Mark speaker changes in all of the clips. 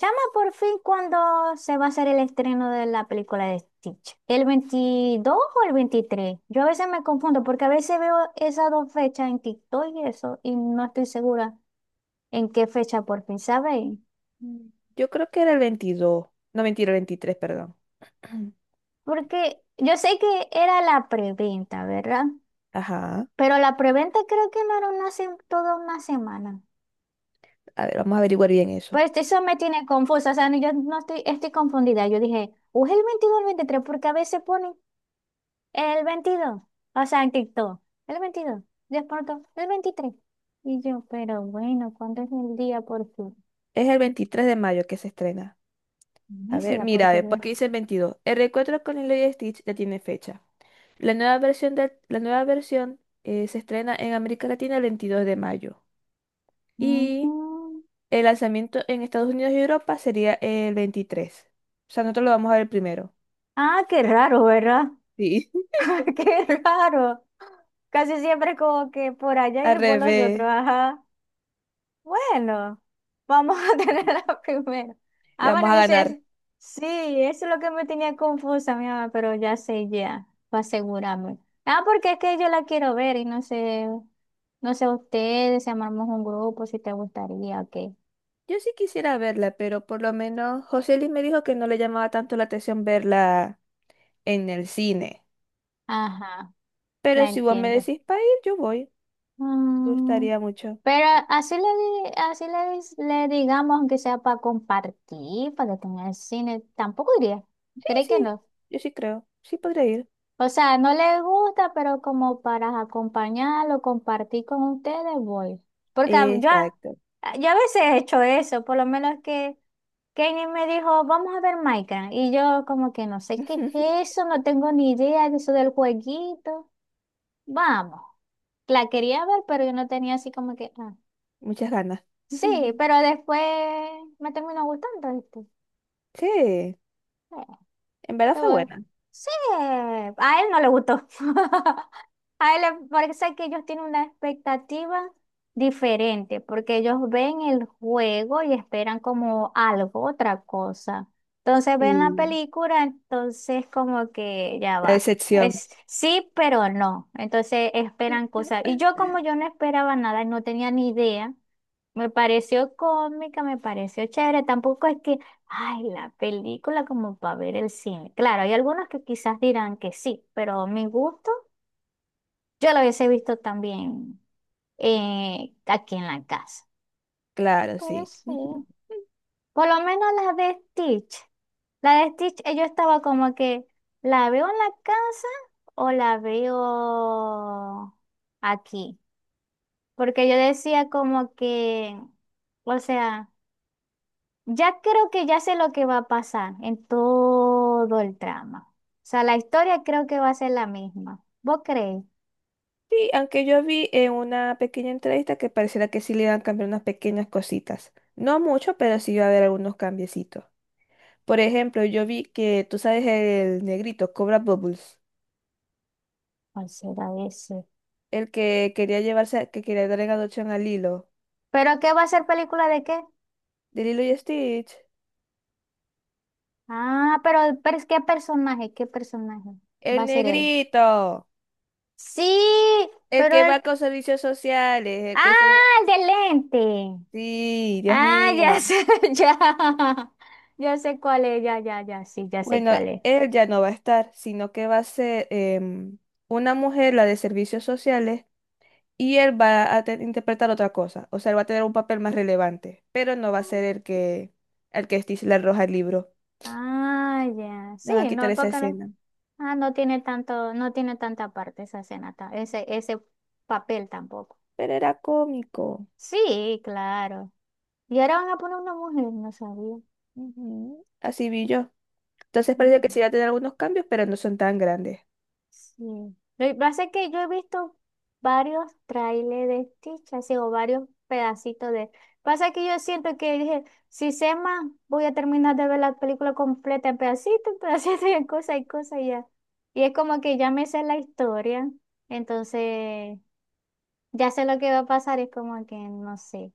Speaker 1: Chama, por fin, ¿cuándo se va a hacer el estreno de la película de Stitch? ¿El 22 o el 23? Yo a veces me confundo porque a veces veo esas dos fechas en TikTok y eso, y no estoy segura en qué fecha por fin, ¿sabéis?
Speaker 2: Mm, yo creo que era el 22. No, mentira, el 23, perdón.
Speaker 1: Porque yo sé que era la preventa, ¿verdad?
Speaker 2: Ajá.
Speaker 1: Pero la preventa creo que no era toda una semana.
Speaker 2: A ver, vamos a averiguar bien eso.
Speaker 1: Pues eso me tiene confusa, o sea, yo no estoy confundida. Yo dije, ¿o es el 22 o el 23? Porque a veces ponen el 22, o sea, en TikTok, el 22, de pronto, el 23. Y yo, pero bueno, ¿cuándo es el día por fin?
Speaker 2: Es el 23 de mayo que se estrena. A
Speaker 1: No sé
Speaker 2: ver,
Speaker 1: la
Speaker 2: mira, a ver, ¿por
Speaker 1: porquería.
Speaker 2: qué dice el 22? El reencuentro con Lilo y Stitch ya tiene fecha. La nueva versión, la nueva versión se estrena en América Latina el 22 de mayo. Y
Speaker 1: Mm.
Speaker 2: el lanzamiento en Estados Unidos y Europa sería el 23. O sea, nosotros lo vamos a ver primero.
Speaker 1: Ah, qué raro, ¿verdad?
Speaker 2: Sí.
Speaker 1: Qué raro. Casi siempre como que por allá y
Speaker 2: Al
Speaker 1: después los otros.
Speaker 2: revés,
Speaker 1: Ajá. Bueno, vamos a tener la primera.
Speaker 2: le
Speaker 1: Ah,
Speaker 2: vamos
Speaker 1: bueno,
Speaker 2: a
Speaker 1: yo sé.
Speaker 2: ganar.
Speaker 1: Sí, eso es lo que me tenía confusa, mi mamá, pero ya sé ya, para asegurarme. Ah, porque es que yo la quiero ver y no sé. No sé, ustedes, si armamos un grupo, si te gustaría, ok.
Speaker 2: Yo sí quisiera verla, pero por lo menos José Luis me dijo que no le llamaba tanto la atención verla en el cine.
Speaker 1: Ajá,
Speaker 2: Pero
Speaker 1: la
Speaker 2: si vos me
Speaker 1: entiendo.
Speaker 2: decís para ir, yo voy. Me
Speaker 1: Mm,
Speaker 2: gustaría mucho.
Speaker 1: pero así le, di- así le, dis- le digamos, aunque sea para compartir, para que tenga el cine, tampoco iría.
Speaker 2: Sí,
Speaker 1: ¿Cree que
Speaker 2: sí,
Speaker 1: no?
Speaker 2: yo sí creo. Sí podría ir.
Speaker 1: O sea, no le gusta, pero como para acompañarlo, compartir con ustedes, voy. Porque
Speaker 2: Exacto.
Speaker 1: yo a veces he hecho eso, por lo menos que Kenny me dijo, vamos a ver Minecraft. Y yo como que no sé qué es eso, no tengo ni idea de eso del jueguito. Vamos. La quería ver, pero yo no tenía así como que... ah.
Speaker 2: Muchas ganas.
Speaker 1: Sí, pero después me terminó gustando, ¿viste?
Speaker 2: Sí, en verdad fue
Speaker 1: Todo bien.
Speaker 2: buena.
Speaker 1: Sí, a él no le gustó. A él le parece que ellos tienen una expectativa diferente, porque ellos ven el juego y esperan como algo, otra cosa. Entonces ven la
Speaker 2: Sí,
Speaker 1: película, entonces como que ya
Speaker 2: la
Speaker 1: va.
Speaker 2: decepción.
Speaker 1: Es sí, pero no. Entonces esperan cosas. Y yo, como yo no esperaba nada, no tenía ni idea. Me pareció cómica, me pareció chévere. Tampoco es que... Ay, la película como para ver el cine. Claro, hay algunos que quizás dirán que sí, pero mi gusto, yo la hubiese visto también aquí en la casa.
Speaker 2: Claro,
Speaker 1: Pero
Speaker 2: sí.
Speaker 1: sí. Por lo menos la de Stitch. La de Stitch, yo estaba como que, ¿la veo en la casa o la veo aquí? Porque yo decía como que, o sea... Ya creo que ya sé lo que va a pasar en todo el trama. O sea, la historia creo que va a ser la misma. ¿Vos creéis?
Speaker 2: Sí, aunque yo vi en una pequeña entrevista que pareciera que sí le iban a cambiar unas pequeñas cositas. No mucho, pero sí iba a haber algunos cambiecitos. Por ejemplo, yo vi que, tú sabes, el negrito, Cobra Bubbles,
Speaker 1: ¿Cuál será ese?
Speaker 2: el que quería llevarse, que quería dar en adopción a Lilo,
Speaker 1: ¿Pero qué va a ser película de qué?
Speaker 2: de Lilo y Stitch.
Speaker 1: Ah, ¿qué personaje? ¿Qué personaje? Va
Speaker 2: El
Speaker 1: a ser él.
Speaker 2: negrito,
Speaker 1: Sí,
Speaker 2: el
Speaker 1: pero
Speaker 2: que
Speaker 1: él...
Speaker 2: va con servicios sociales, el que se...
Speaker 1: Ah, el de lente.
Speaker 2: Sí, Dios
Speaker 1: Ah, ya
Speaker 2: mío.
Speaker 1: sé, ya. Ya sé cuál es, ya, ya, ya, sí, ya sé
Speaker 2: Bueno,
Speaker 1: cuál es.
Speaker 2: él ya no va a estar, sino que va a ser una mujer, la de servicios sociales, y él va a interpretar otra cosa, o sea, él va a tener un papel más relevante, pero no va a ser el que Stitch le arroja el libro.
Speaker 1: Ah, ya.
Speaker 2: Le
Speaker 1: Sí,
Speaker 2: van a quitar
Speaker 1: no,
Speaker 2: esa
Speaker 1: porque no.
Speaker 2: escena.
Speaker 1: Ah, no tiene tanto, no tiene tanta parte esa escena, ese papel tampoco.
Speaker 2: Pero era cómico.
Speaker 1: Sí, claro. Y ahora van a poner una mujer, no sabía.
Speaker 2: Ujú. Así vi yo. Entonces parece
Speaker 1: Mm.
Speaker 2: que sí va a tener algunos cambios, pero no son tan grandes.
Speaker 1: Sí. Lo que pasa es que yo he visto varios trailers de Stitch, así, o varios pedacitos de. Pasa que yo siento que dije, si sé más, voy a terminar de ver la película completa en pedacitos, y en cosas y cosas y ya. Y es como que ya me sé la historia, entonces. Ya sé lo que va a pasar, es como que no sé.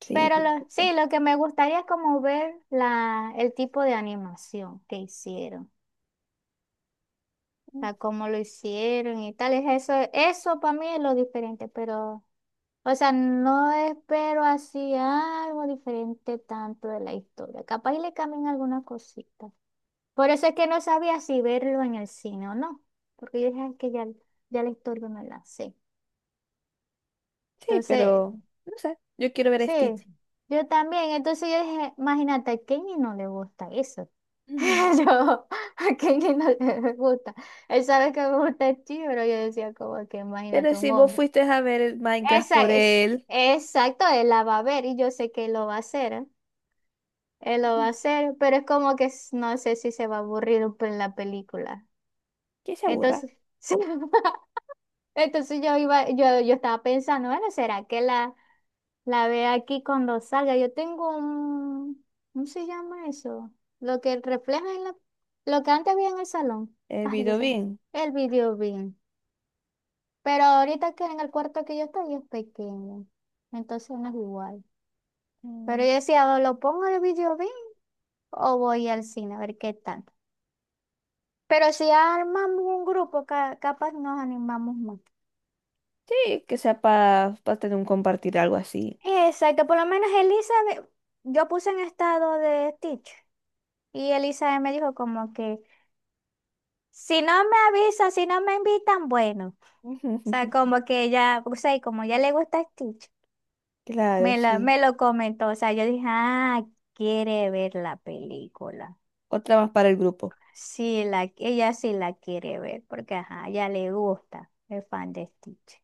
Speaker 2: Sí, perfecto.
Speaker 1: Sí, lo que me gustaría es como ver el tipo de animación que hicieron, o
Speaker 2: Mm,
Speaker 1: sea, cómo lo hicieron y tal. Es eso, eso para mí es lo diferente, pero, o sea, no espero así algo diferente tanto de la historia. Capaz y le cambien alguna cosita. Por eso es que no sabía si verlo en el cine o no, porque yo dije "Ay, que ya, ya la historia me la sé".
Speaker 2: sí,
Speaker 1: Entonces,
Speaker 2: pero no sé, yo quiero ver a
Speaker 1: sí,
Speaker 2: Stitch.
Speaker 1: yo también. Entonces yo dije, imagínate, a Kenny no le gusta eso.
Speaker 2: Ujú.
Speaker 1: Yo, a Kenny no le gusta. Él sabe que me gusta el chi, pero yo decía como que
Speaker 2: Pero
Speaker 1: imagínate un
Speaker 2: si vos
Speaker 1: hombre.
Speaker 2: fuiste a ver el Minecraft
Speaker 1: Esa
Speaker 2: por
Speaker 1: es,
Speaker 2: él.
Speaker 1: exacto, él la va a ver y yo sé que él lo va a hacer, ¿eh? Él lo va a
Speaker 2: Ujú,
Speaker 1: hacer, pero es como que no sé si se va a aburrir en la película.
Speaker 2: que se aburra.
Speaker 1: Entonces, sí. Entonces yo iba, yo estaba pensando, bueno, ¿será que la... La ve aquí cuando salga. Yo tengo un, ¿cómo se llama eso? Lo que refleja en lo que antes había en el salón.
Speaker 2: El
Speaker 1: Ay, ya
Speaker 2: video
Speaker 1: sé.
Speaker 2: bien.
Speaker 1: El video bien. Pero ahorita que en el cuarto que yo estoy es pequeño. Entonces no es igual. Pero
Speaker 2: Mm,
Speaker 1: yo decía, ¿o lo pongo en el video bien o voy al cine a ver qué tal? Pero si armamos un grupo, capaz nos animamos más.
Speaker 2: sí, que sea para tener un compartir algo así.
Speaker 1: Exacto, por lo menos Elizabeth, yo puse en estado de Stitch y Elizabeth me dijo como que si no me avisan, si no me invitan, bueno. O sea, como que ella, o sea, y como ya le gusta Stitch,
Speaker 2: Claro,
Speaker 1: me lo,
Speaker 2: sí.
Speaker 1: me lo comentó. O sea, yo dije, ah, quiere ver la película.
Speaker 2: Otra más para el grupo.
Speaker 1: Sí, la, ella sí la quiere ver, porque ajá, ya le gusta, es fan de Stitch.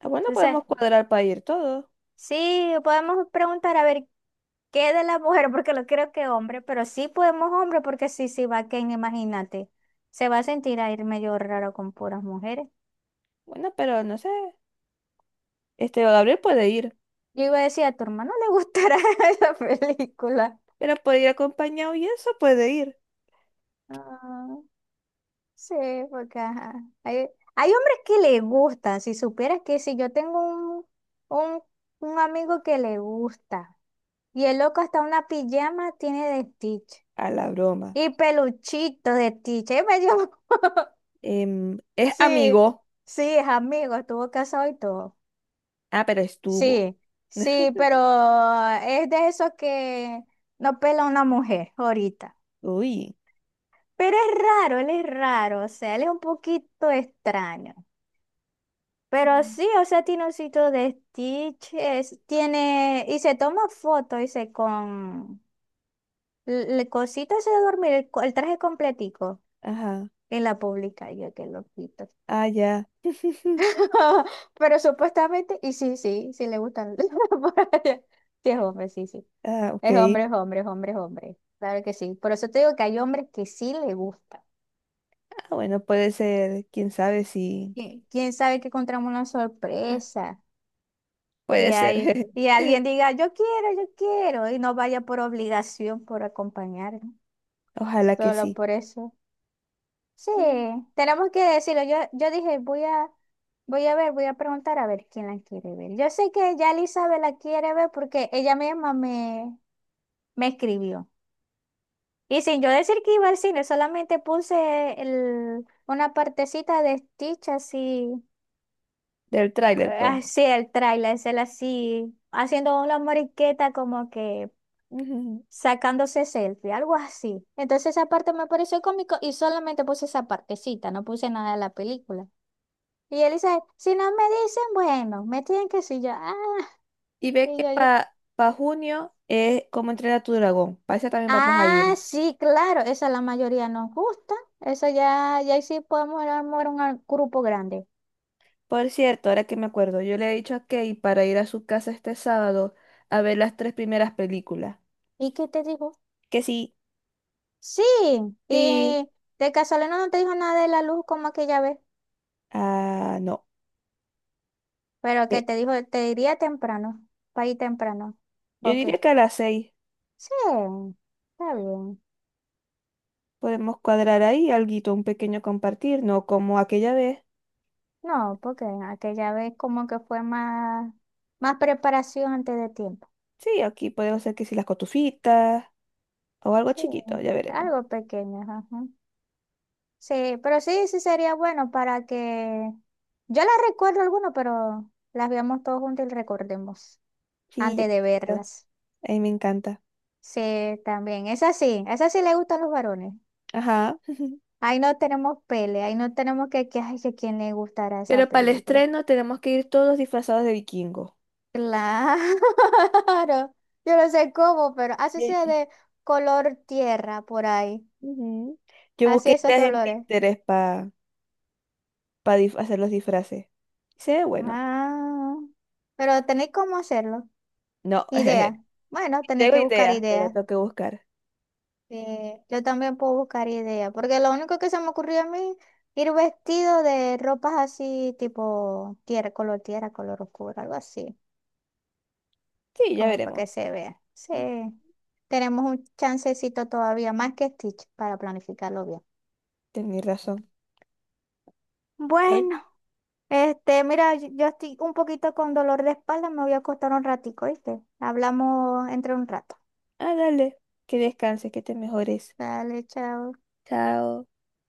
Speaker 2: Ah, bueno,
Speaker 1: Entonces,
Speaker 2: podemos cuadrar para ir todos.
Speaker 1: sí, podemos preguntar a ver qué de la mujer, porque no creo que hombre, pero sí podemos hombre, porque sí, sí va Ken, imagínate. Se va a sentir a ir medio raro con puras mujeres.
Speaker 2: Bueno, pero no sé. Este Gabriel puede ir,
Speaker 1: Yo iba a decir, a tu hermano le gustará esa película.
Speaker 2: pero puede ir acompañado y eso puede ir.
Speaker 1: Ah, sí, porque ajá, Hay, hay hombres que le gustan. Si supieras que si yo tengo un, un amigo que le gusta. Y el loco hasta una pijama tiene de Stitch.
Speaker 2: A la broma.
Speaker 1: Y peluchito de Stitch. Ahí me dio...
Speaker 2: Em, es
Speaker 1: Sí,
Speaker 2: amigo.
Speaker 1: sí, es amigo, estuvo casado y todo.
Speaker 2: Ah, pero estuvo.
Speaker 1: Sí, sí, pero es de esos que no pela una mujer ahorita.
Speaker 2: Uy.
Speaker 1: Pero es raro, él es raro, o sea, él es un poquito extraño. Pero
Speaker 2: Mm.
Speaker 1: sí, o sea, tiene un sitio de stitches, tiene, y se toma fotos, dice, con el cosito ese de dormir, el traje completico,
Speaker 2: Ajá.
Speaker 1: en la pública yo qué loquito.
Speaker 2: Ah, ya.
Speaker 1: Pero supuestamente, y sí, sí, sí le gustan por allá. Sí, es hombre, sí, sí.
Speaker 2: Ah, ok.
Speaker 1: Es hombre, es hombre, es hombre, es hombre. Claro que sí. Por eso te digo que hay hombres que sí le gusta.
Speaker 2: Ah, bueno, puede ser. Quién sabe si.
Speaker 1: ¿Quién sabe que encontramos una sorpresa?
Speaker 2: Puede
Speaker 1: Y,
Speaker 2: ser.
Speaker 1: ahí- y alguien diga, yo quiero, y no vaya por obligación, por acompañar, ¿no?
Speaker 2: Ojalá que
Speaker 1: Solo
Speaker 2: sí.
Speaker 1: por eso. Sí,
Speaker 2: Mm.
Speaker 1: tenemos que decirlo. Yo dije, voy a ver, voy a preguntar a ver quién la quiere ver. Yo sé que ya Elizabeth la quiere ver porque ella misma me escribió. Y sin yo decir que iba al cine, solamente puse una partecita de Stitch así,
Speaker 2: Del tráiler, pues.
Speaker 1: así el tráiler, es él así, haciendo una moriqueta como que sacándose selfie, algo así. Entonces esa parte me pareció cómico y solamente puse esa partecita, no puse nada de la película. Y él dice, si no me dicen, bueno, me tienen que decir yo, ah,
Speaker 2: Y ve
Speaker 1: y
Speaker 2: que
Speaker 1: yo, yo,
Speaker 2: para junio es como entrenar a tu dragón. Para esa también vamos a
Speaker 1: ah,
Speaker 2: ir.
Speaker 1: sí, claro, esa la mayoría nos gusta, eso ya, ya ahí sí podemos armar un grupo grande.
Speaker 2: Por cierto, ahora que me acuerdo, yo le he dicho a Kay para ir a su casa este sábado a ver las tres primeras películas.
Speaker 1: ¿Y qué te dijo?
Speaker 2: Que sí,
Speaker 1: Sí,
Speaker 2: sí,
Speaker 1: y de casualidad no te dijo nada de la luz como aquella vez,
Speaker 2: ah, no.
Speaker 1: pero que
Speaker 2: Eh,
Speaker 1: te dijo, te diría temprano, para ir temprano.
Speaker 2: yo
Speaker 1: Ok,
Speaker 2: diría que a las 6
Speaker 1: sí, está bien.
Speaker 2: podemos cuadrar ahí alguito, un pequeño compartir, no como aquella vez.
Speaker 1: No, porque aquella vez como que fue más preparación antes de tiempo.
Speaker 2: Sí, aquí podemos hacer que si las cotufitas o algo
Speaker 1: Sí,
Speaker 2: chiquito, ya veremos.
Speaker 1: algo pequeño, ajá. Sí, pero sí, sí sería bueno para que... Yo las recuerdo algunas, pero las veamos todos juntos y recordemos
Speaker 2: Sí,
Speaker 1: antes de
Speaker 2: yo.
Speaker 1: verlas.
Speaker 2: A mí me encanta.
Speaker 1: Sí, también. Esa sí le gustan los varones.
Speaker 2: Ajá.
Speaker 1: Ahí no tenemos pele, ahí no tenemos que ay, que quién le gustará esa
Speaker 2: Pero para el
Speaker 1: película.
Speaker 2: estreno tenemos que ir todos disfrazados de vikingo.
Speaker 1: Claro, yo no sé cómo, pero así sea
Speaker 2: Ye-
Speaker 1: de color tierra por ahí.
Speaker 2: ujú. Yo
Speaker 1: Así
Speaker 2: busqué
Speaker 1: esos
Speaker 2: ideas en
Speaker 1: colores.
Speaker 2: Pinterest para hacer los disfraces. Se ve bueno.
Speaker 1: Ah, pero tenéis cómo hacerlo.
Speaker 2: No,
Speaker 1: Idea. Bueno, tenéis
Speaker 2: tengo
Speaker 1: que buscar
Speaker 2: ideas, pero
Speaker 1: ideas.
Speaker 2: tengo que buscar.
Speaker 1: Yo también puedo buscar ideas, porque lo único que se me ocurrió a mí, ir vestido de ropas así, tipo tierra, color oscuro, algo así,
Speaker 2: Sí, ya
Speaker 1: como para
Speaker 2: veremos.
Speaker 1: que se vea. Sí, tenemos un chancecito todavía, más que Stitch, para planificarlo bien.
Speaker 2: Tenés razón.
Speaker 1: Bueno. Este, mira, yo estoy un poquito con dolor de espalda, me voy a acostar un ratico, ¿viste? Hablamos entre un rato.
Speaker 2: Ah, dale. Que descanses, que te mejores.
Speaker 1: Dale, chao.
Speaker 2: Chao.